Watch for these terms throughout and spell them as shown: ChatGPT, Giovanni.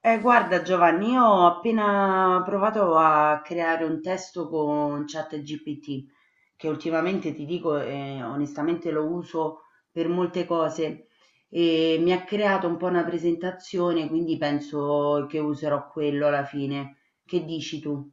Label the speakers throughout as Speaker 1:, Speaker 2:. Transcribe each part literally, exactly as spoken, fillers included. Speaker 1: Eh, guarda Giovanni, io ho appena provato a creare un testo con ChatGPT, che ultimamente ti dico, eh, onestamente lo uso per molte cose e mi ha creato un po' una presentazione, quindi penso che userò quello alla fine. Che dici tu?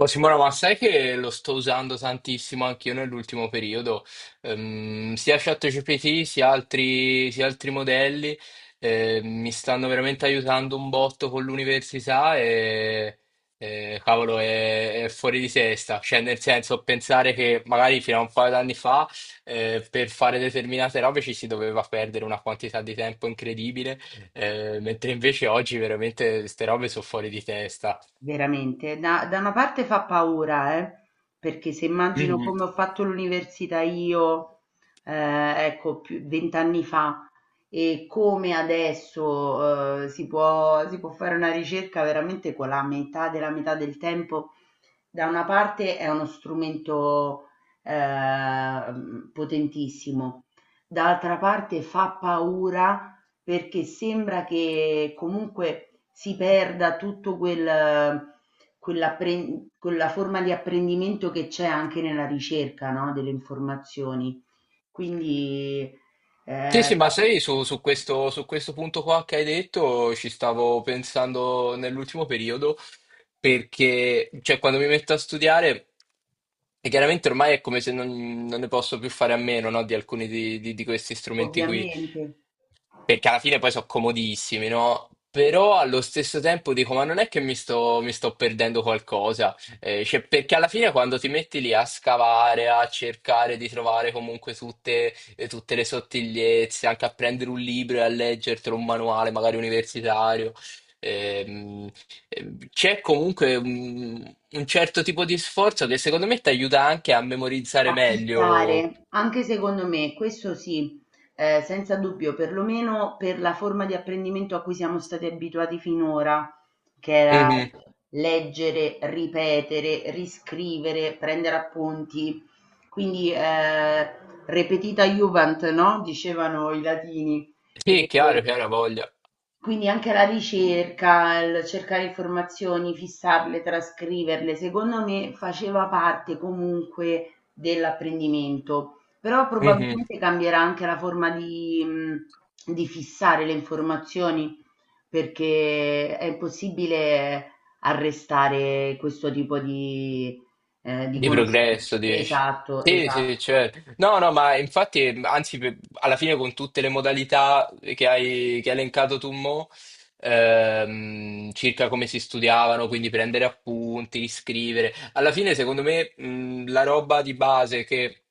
Speaker 2: Oh, Simona, ma sai che lo sto usando tantissimo anch'io nell'ultimo periodo. Ehm, sia ChatGPT sia altri, sia altri modelli, eh, mi stanno veramente aiutando un botto con l'università e, e, cavolo, è, è fuori di testa, cioè nel senso pensare che magari fino a un paio d'anni fa eh, per fare determinate robe ci si doveva perdere una quantità di tempo incredibile, eh, mentre invece oggi veramente queste robe sono fuori di testa.
Speaker 1: Veramente, da da una parte fa paura, eh, perché se immagino come ho fatto l'università io, ehm, ecco, più venti anni fa, e come adesso, ehm, si può si può fare una ricerca veramente con la metà della metà del tempo. Da una parte è uno strumento ehm, potentissimo, dall'altra parte fa paura perché sembra che comunque si perda tutto quel quell'appren quella forma di apprendimento che c'è anche nella ricerca, no, delle informazioni. Quindi,
Speaker 2: Sì,
Speaker 1: ehm,
Speaker 2: sì, ma sai, su, su questo, su questo punto qua che hai detto ci stavo pensando nell'ultimo periodo, perché cioè, quando mi metto a studiare, e chiaramente ormai è come se non, non ne posso più fare a meno, no, di alcuni di, di- di questi strumenti qui,
Speaker 1: ovviamente.
Speaker 2: perché alla fine poi sono comodissimi, no? Però allo stesso tempo dico, ma non è che mi sto, mi sto perdendo qualcosa, eh, cioè, perché alla fine quando ti metti lì a scavare, a cercare di trovare comunque tutte, eh, tutte le sottigliezze, anche a prendere un libro e a leggertelo, un manuale magari universitario, ehm, eh, c'è comunque un, un certo tipo di sforzo che secondo me ti aiuta anche a memorizzare meglio.
Speaker 1: Affittare, anche secondo me, questo sì, eh, senza dubbio, perlomeno per la forma di apprendimento a cui siamo stati abituati finora, che era
Speaker 2: Mhm.
Speaker 1: leggere, ripetere, riscrivere, prendere appunti. Quindi eh, repetita iuvant, no? Dicevano i latini.
Speaker 2: Sì, è
Speaker 1: E-
Speaker 2: chiaro, chiaro, ha voglia.
Speaker 1: quindi anche la ricerca, il cercare informazioni, fissarle, trascriverle, secondo me faceva parte comunque dell'apprendimento, però probabilmente cambierà anche la forma di, mh, di fissare le informazioni, perché è impossibile arrestare questo tipo di, eh, di
Speaker 2: Di
Speaker 1: conoscenze.
Speaker 2: progresso, dici?
Speaker 1: Esatto,
Speaker 2: Sì, sì,
Speaker 1: esatto.
Speaker 2: cioè, no, no, ma infatti, anzi, per- alla fine con tutte le modalità che hai, che hai elencato tu, mo, ehm, circa come si studiavano, quindi prendere appunti, riscrivere, alla fine, secondo me, mh, la roba di base che,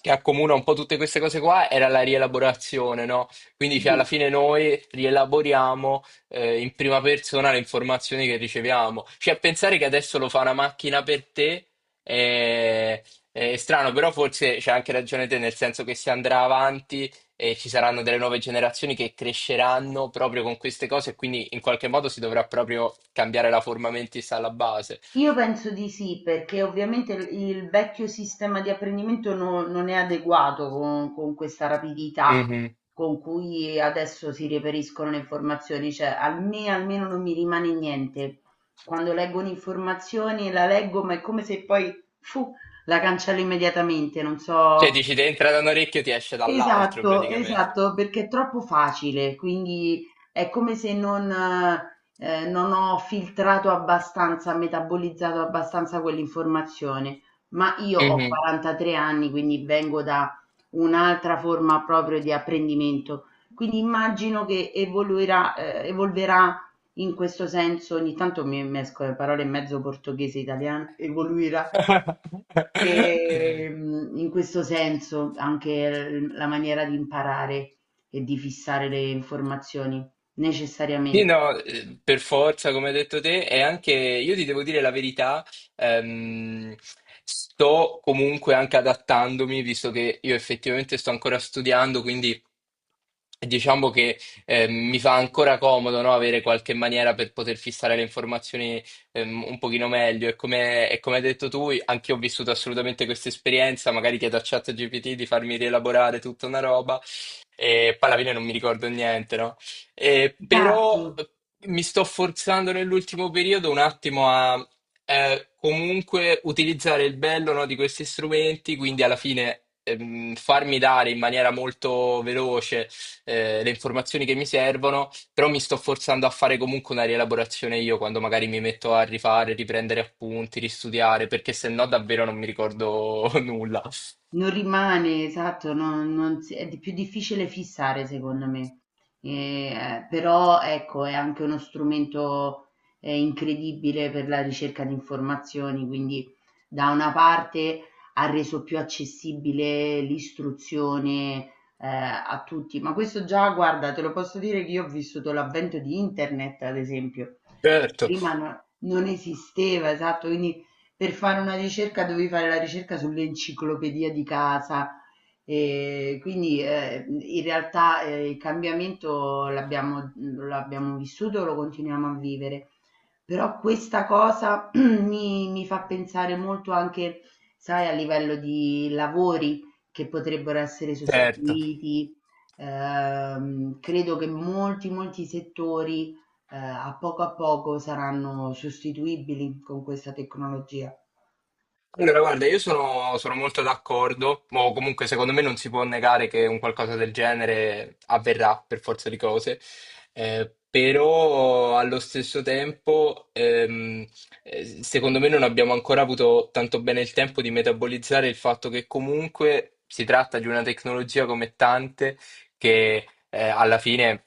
Speaker 2: che accomuna un po' tutte queste cose qua era la rielaborazione, no? Quindi, cioè, alla
Speaker 1: Sì,
Speaker 2: fine noi rielaboriamo eh, in prima persona le informazioni che riceviamo. Cioè, pensare che adesso lo fa una macchina per te e- è strano, però forse c'è anche ragione te, nel senso che si andrà avanti e ci saranno delle nuove generazioni che cresceranno proprio con queste cose e quindi in qualche modo si dovrà proprio cambiare la forma mentis alla base.
Speaker 1: io penso di sì, perché ovviamente il il vecchio sistema di apprendimento no- non è adeguato con, con questa rapidità
Speaker 2: Mhm.
Speaker 1: con cui adesso si reperiscono le informazioni, cioè a me almeno non mi rimane niente. Quando leggo un'informazione la leggo, ma è come se poi fu, la cancello immediatamente, non
Speaker 2: Cioè
Speaker 1: so.
Speaker 2: dici, ti entra da un orecchio, ti esce dall'altro
Speaker 1: Esatto,
Speaker 2: praticamente.
Speaker 1: esatto, perché è troppo facile, quindi è come se non, eh, non ho filtrato abbastanza, metabolizzato abbastanza quell'informazione. Ma io ho
Speaker 2: Mhm.
Speaker 1: quarantatré anni, quindi vengo da un'altra forma proprio di apprendimento. Quindi immagino che evoluirà, eh, evolverà in questo senso. Ogni tanto mi mescolo le parole in mezzo, portoghese e italiano, evoluirà. Ehm, in questo senso anche l la maniera di imparare e di fissare le informazioni
Speaker 2: Sì,
Speaker 1: necessariamente.
Speaker 2: no, eh, per forza, come hai detto te, e anche io ti devo dire la verità, ehm, sto comunque anche adattandomi, visto che io effettivamente sto ancora studiando, quindi diciamo che eh, mi fa ancora comodo, no, avere qualche maniera per poter fissare le informazioni ehm, un pochino meglio. E come, e come hai detto tu, anche io ho vissuto assolutamente questa esperienza, magari chiedo a ChatGPT di farmi rielaborare tutta una roba e poi alla fine non mi ricordo niente, no? Eh, però
Speaker 1: Esatto.
Speaker 2: eh, mi sto forzando nell'ultimo periodo un attimo a eh, comunque utilizzare il bello, no, di questi strumenti, quindi alla fine ehm, farmi dare in maniera molto veloce eh, le informazioni che mi servono, però mi sto forzando a fare comunque una rielaborazione io quando magari mi metto a rifare, riprendere appunti, ristudiare, perché se no davvero non mi ricordo nulla.
Speaker 1: Non rimane, esatto, non non si è di più difficile fissare secondo me. Ehm, però ecco, è anche uno strumento, ehm, incredibile per la ricerca di informazioni, quindi da una parte ha reso più accessibile l'istruzione, ehm, a tutti, ma questo già guarda, te lo posso dire che io ho vissuto l'avvento di internet ad esempio.
Speaker 2: Certo,
Speaker 1: Prima no non esisteva, esatto, quindi per fare una ricerca dovevi fare la ricerca sull'enciclopedia di casa, ehm, quindi, ehm, in realtà, ehm, il cambiamento l'abbiamo mhmm, l'abbiamo vissuto, lo continuiamo a vivere. Però questa cosa mi mi fa pensare molto anche, sai, a livello di lavori che potrebbero essere
Speaker 2: certo.
Speaker 1: sostituiti. Ehm, credo che molti, molti settori, ehm, a poco a poco saranno sostituibili con questa tecnologia.
Speaker 2: Allora, guarda, io sono, sono molto d'accordo, o comunque secondo me non si può negare che un qualcosa del genere avverrà per forza di cose, eh, però allo stesso tempo, ehm, eh, secondo me non abbiamo ancora avuto tanto bene il tempo di metabolizzare il fatto che comunque si tratta di una tecnologia come tante che eh, alla fine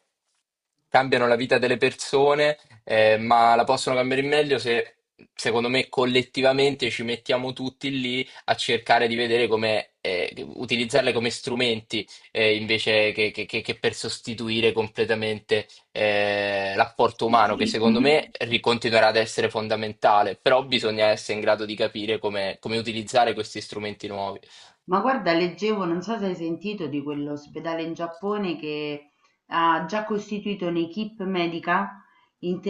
Speaker 2: cambiano la vita delle persone, eh, ma la possono cambiare in meglio se, secondo me, collettivamente ci mettiamo tutti lì a cercare di vedere come eh, utilizzarle come strumenti eh, invece che, che- che- che per sostituire completamente eh, l'apporto umano, che
Speaker 1: Sì.
Speaker 2: secondo
Speaker 1: Mh-mh.
Speaker 2: me ri- continuerà ad essere fondamentale, però bisogna essere in grado di capire come, come utilizzare questi strumenti nuovi.
Speaker 1: Ma guarda leggevo, non so se hai sentito di quell'ospedale in Giappone che ha già costituito un'équipe medica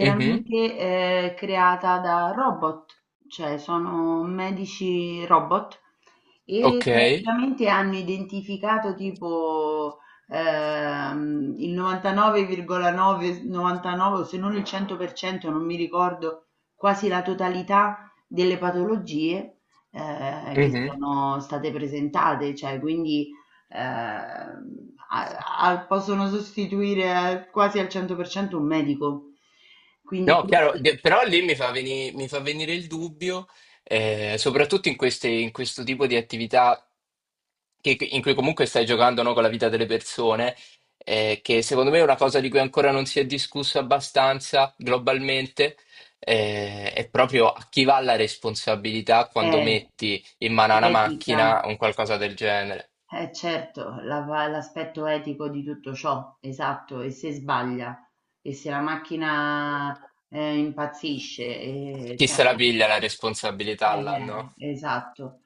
Speaker 2: Mhm,
Speaker 1: ehm, creata da robot, cioè sono medici robot e
Speaker 2: ok.
Speaker 1: praticamente hanno identificato tipo, ehm, il novantanove virgola nove s novantanove o se non il cento per cento, non mi ricordo, quasi la totalità delle patologie ehm, che
Speaker 2: Mhm.
Speaker 1: sono state presentate, cioè quindi, ehm, a a possono sostituire al quasi al cento per cento un medico. Quindi
Speaker 2: No, chiaro,
Speaker 1: questi
Speaker 2: de- però lì mi fa veni- mi fa venire il dubbio, eh, soprattutto in queste- in questo tipo di attività che- che- in cui comunque stai giocando, no, con la vita delle persone, eh, che secondo me è una cosa di cui ancora non si è discusso abbastanza globalmente, eh, è proprio a chi va la responsabilità
Speaker 1: è
Speaker 2: quando metti in mano a una
Speaker 1: l'etica,
Speaker 2: macchina un qualcosa del genere.
Speaker 1: eh certo, la va l'aspetto etico di tutto ciò, esatto, e se sbaglia, e se la macchina, ehm, impazzisce, e
Speaker 2: Chi
Speaker 1: cioè.
Speaker 2: se la piglia la responsabilità là, no?
Speaker 1: Eh, esatto.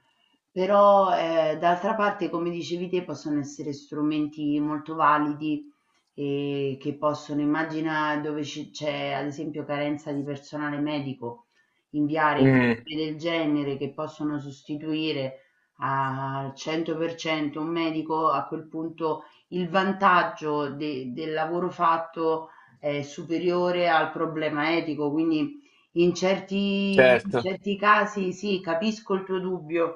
Speaker 1: Però, ehm, d'altra parte, come dicevi te, possono essere strumenti molto validi, ehm, che possono, immagina dove ci c'è, ad esempio, carenza di personale medico, inviare
Speaker 2: Mm,
Speaker 1: equipe del genere che possono sostituire al cento per cento un medico, a quel punto il vantaggio de del lavoro fatto è superiore al problema etico, quindi in certi, in
Speaker 2: certo.
Speaker 1: certi casi sì, capisco il tuo dubbio,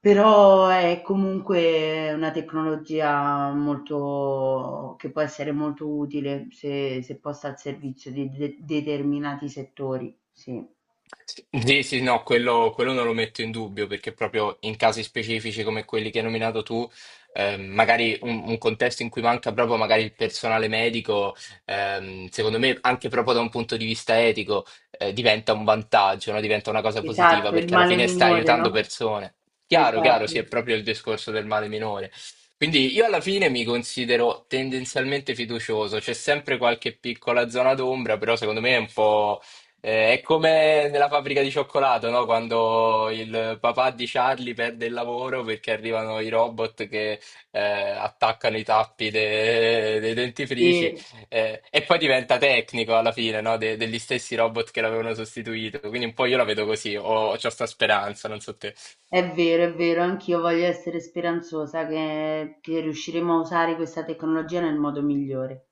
Speaker 1: però è comunque una tecnologia molto, che può essere molto utile se, se posta al servizio di de- determinati settori. Sì.
Speaker 2: Sì, sì, no, quello, quello non lo metto in dubbio perché proprio in casi specifici come quelli che hai nominato tu, ehm, magari un, un contesto in cui manca proprio magari il personale medico, ehm, secondo me anche proprio da un punto di vista etico, eh, diventa un vantaggio, no? Diventa una cosa positiva
Speaker 1: Esatto, il
Speaker 2: perché alla
Speaker 1: male
Speaker 2: fine stai
Speaker 1: minore,
Speaker 2: aiutando
Speaker 1: no?
Speaker 2: persone. Chiaro, chiaro,
Speaker 1: Esatto.
Speaker 2: sì, è proprio il discorso del male minore. Quindi io alla fine mi considero tendenzialmente fiducioso, c'è sempre qualche piccola zona d'ombra, però secondo me è un po'... Eh, è come nella fabbrica di cioccolato, no? Quando il papà di Charlie perde il lavoro perché arrivano i robot che eh, attaccano i tappi de- dei dentifrici
Speaker 1: Sì,
Speaker 2: eh, e poi diventa tecnico alla fine, no? De- degli stessi robot che l'avevano sostituito. Quindi un po' io la vedo così, ho, ho sta speranza, non so te.
Speaker 1: è vero, è vero, anch'io voglio essere speranzosa che, che riusciremo a usare questa tecnologia nel modo migliore.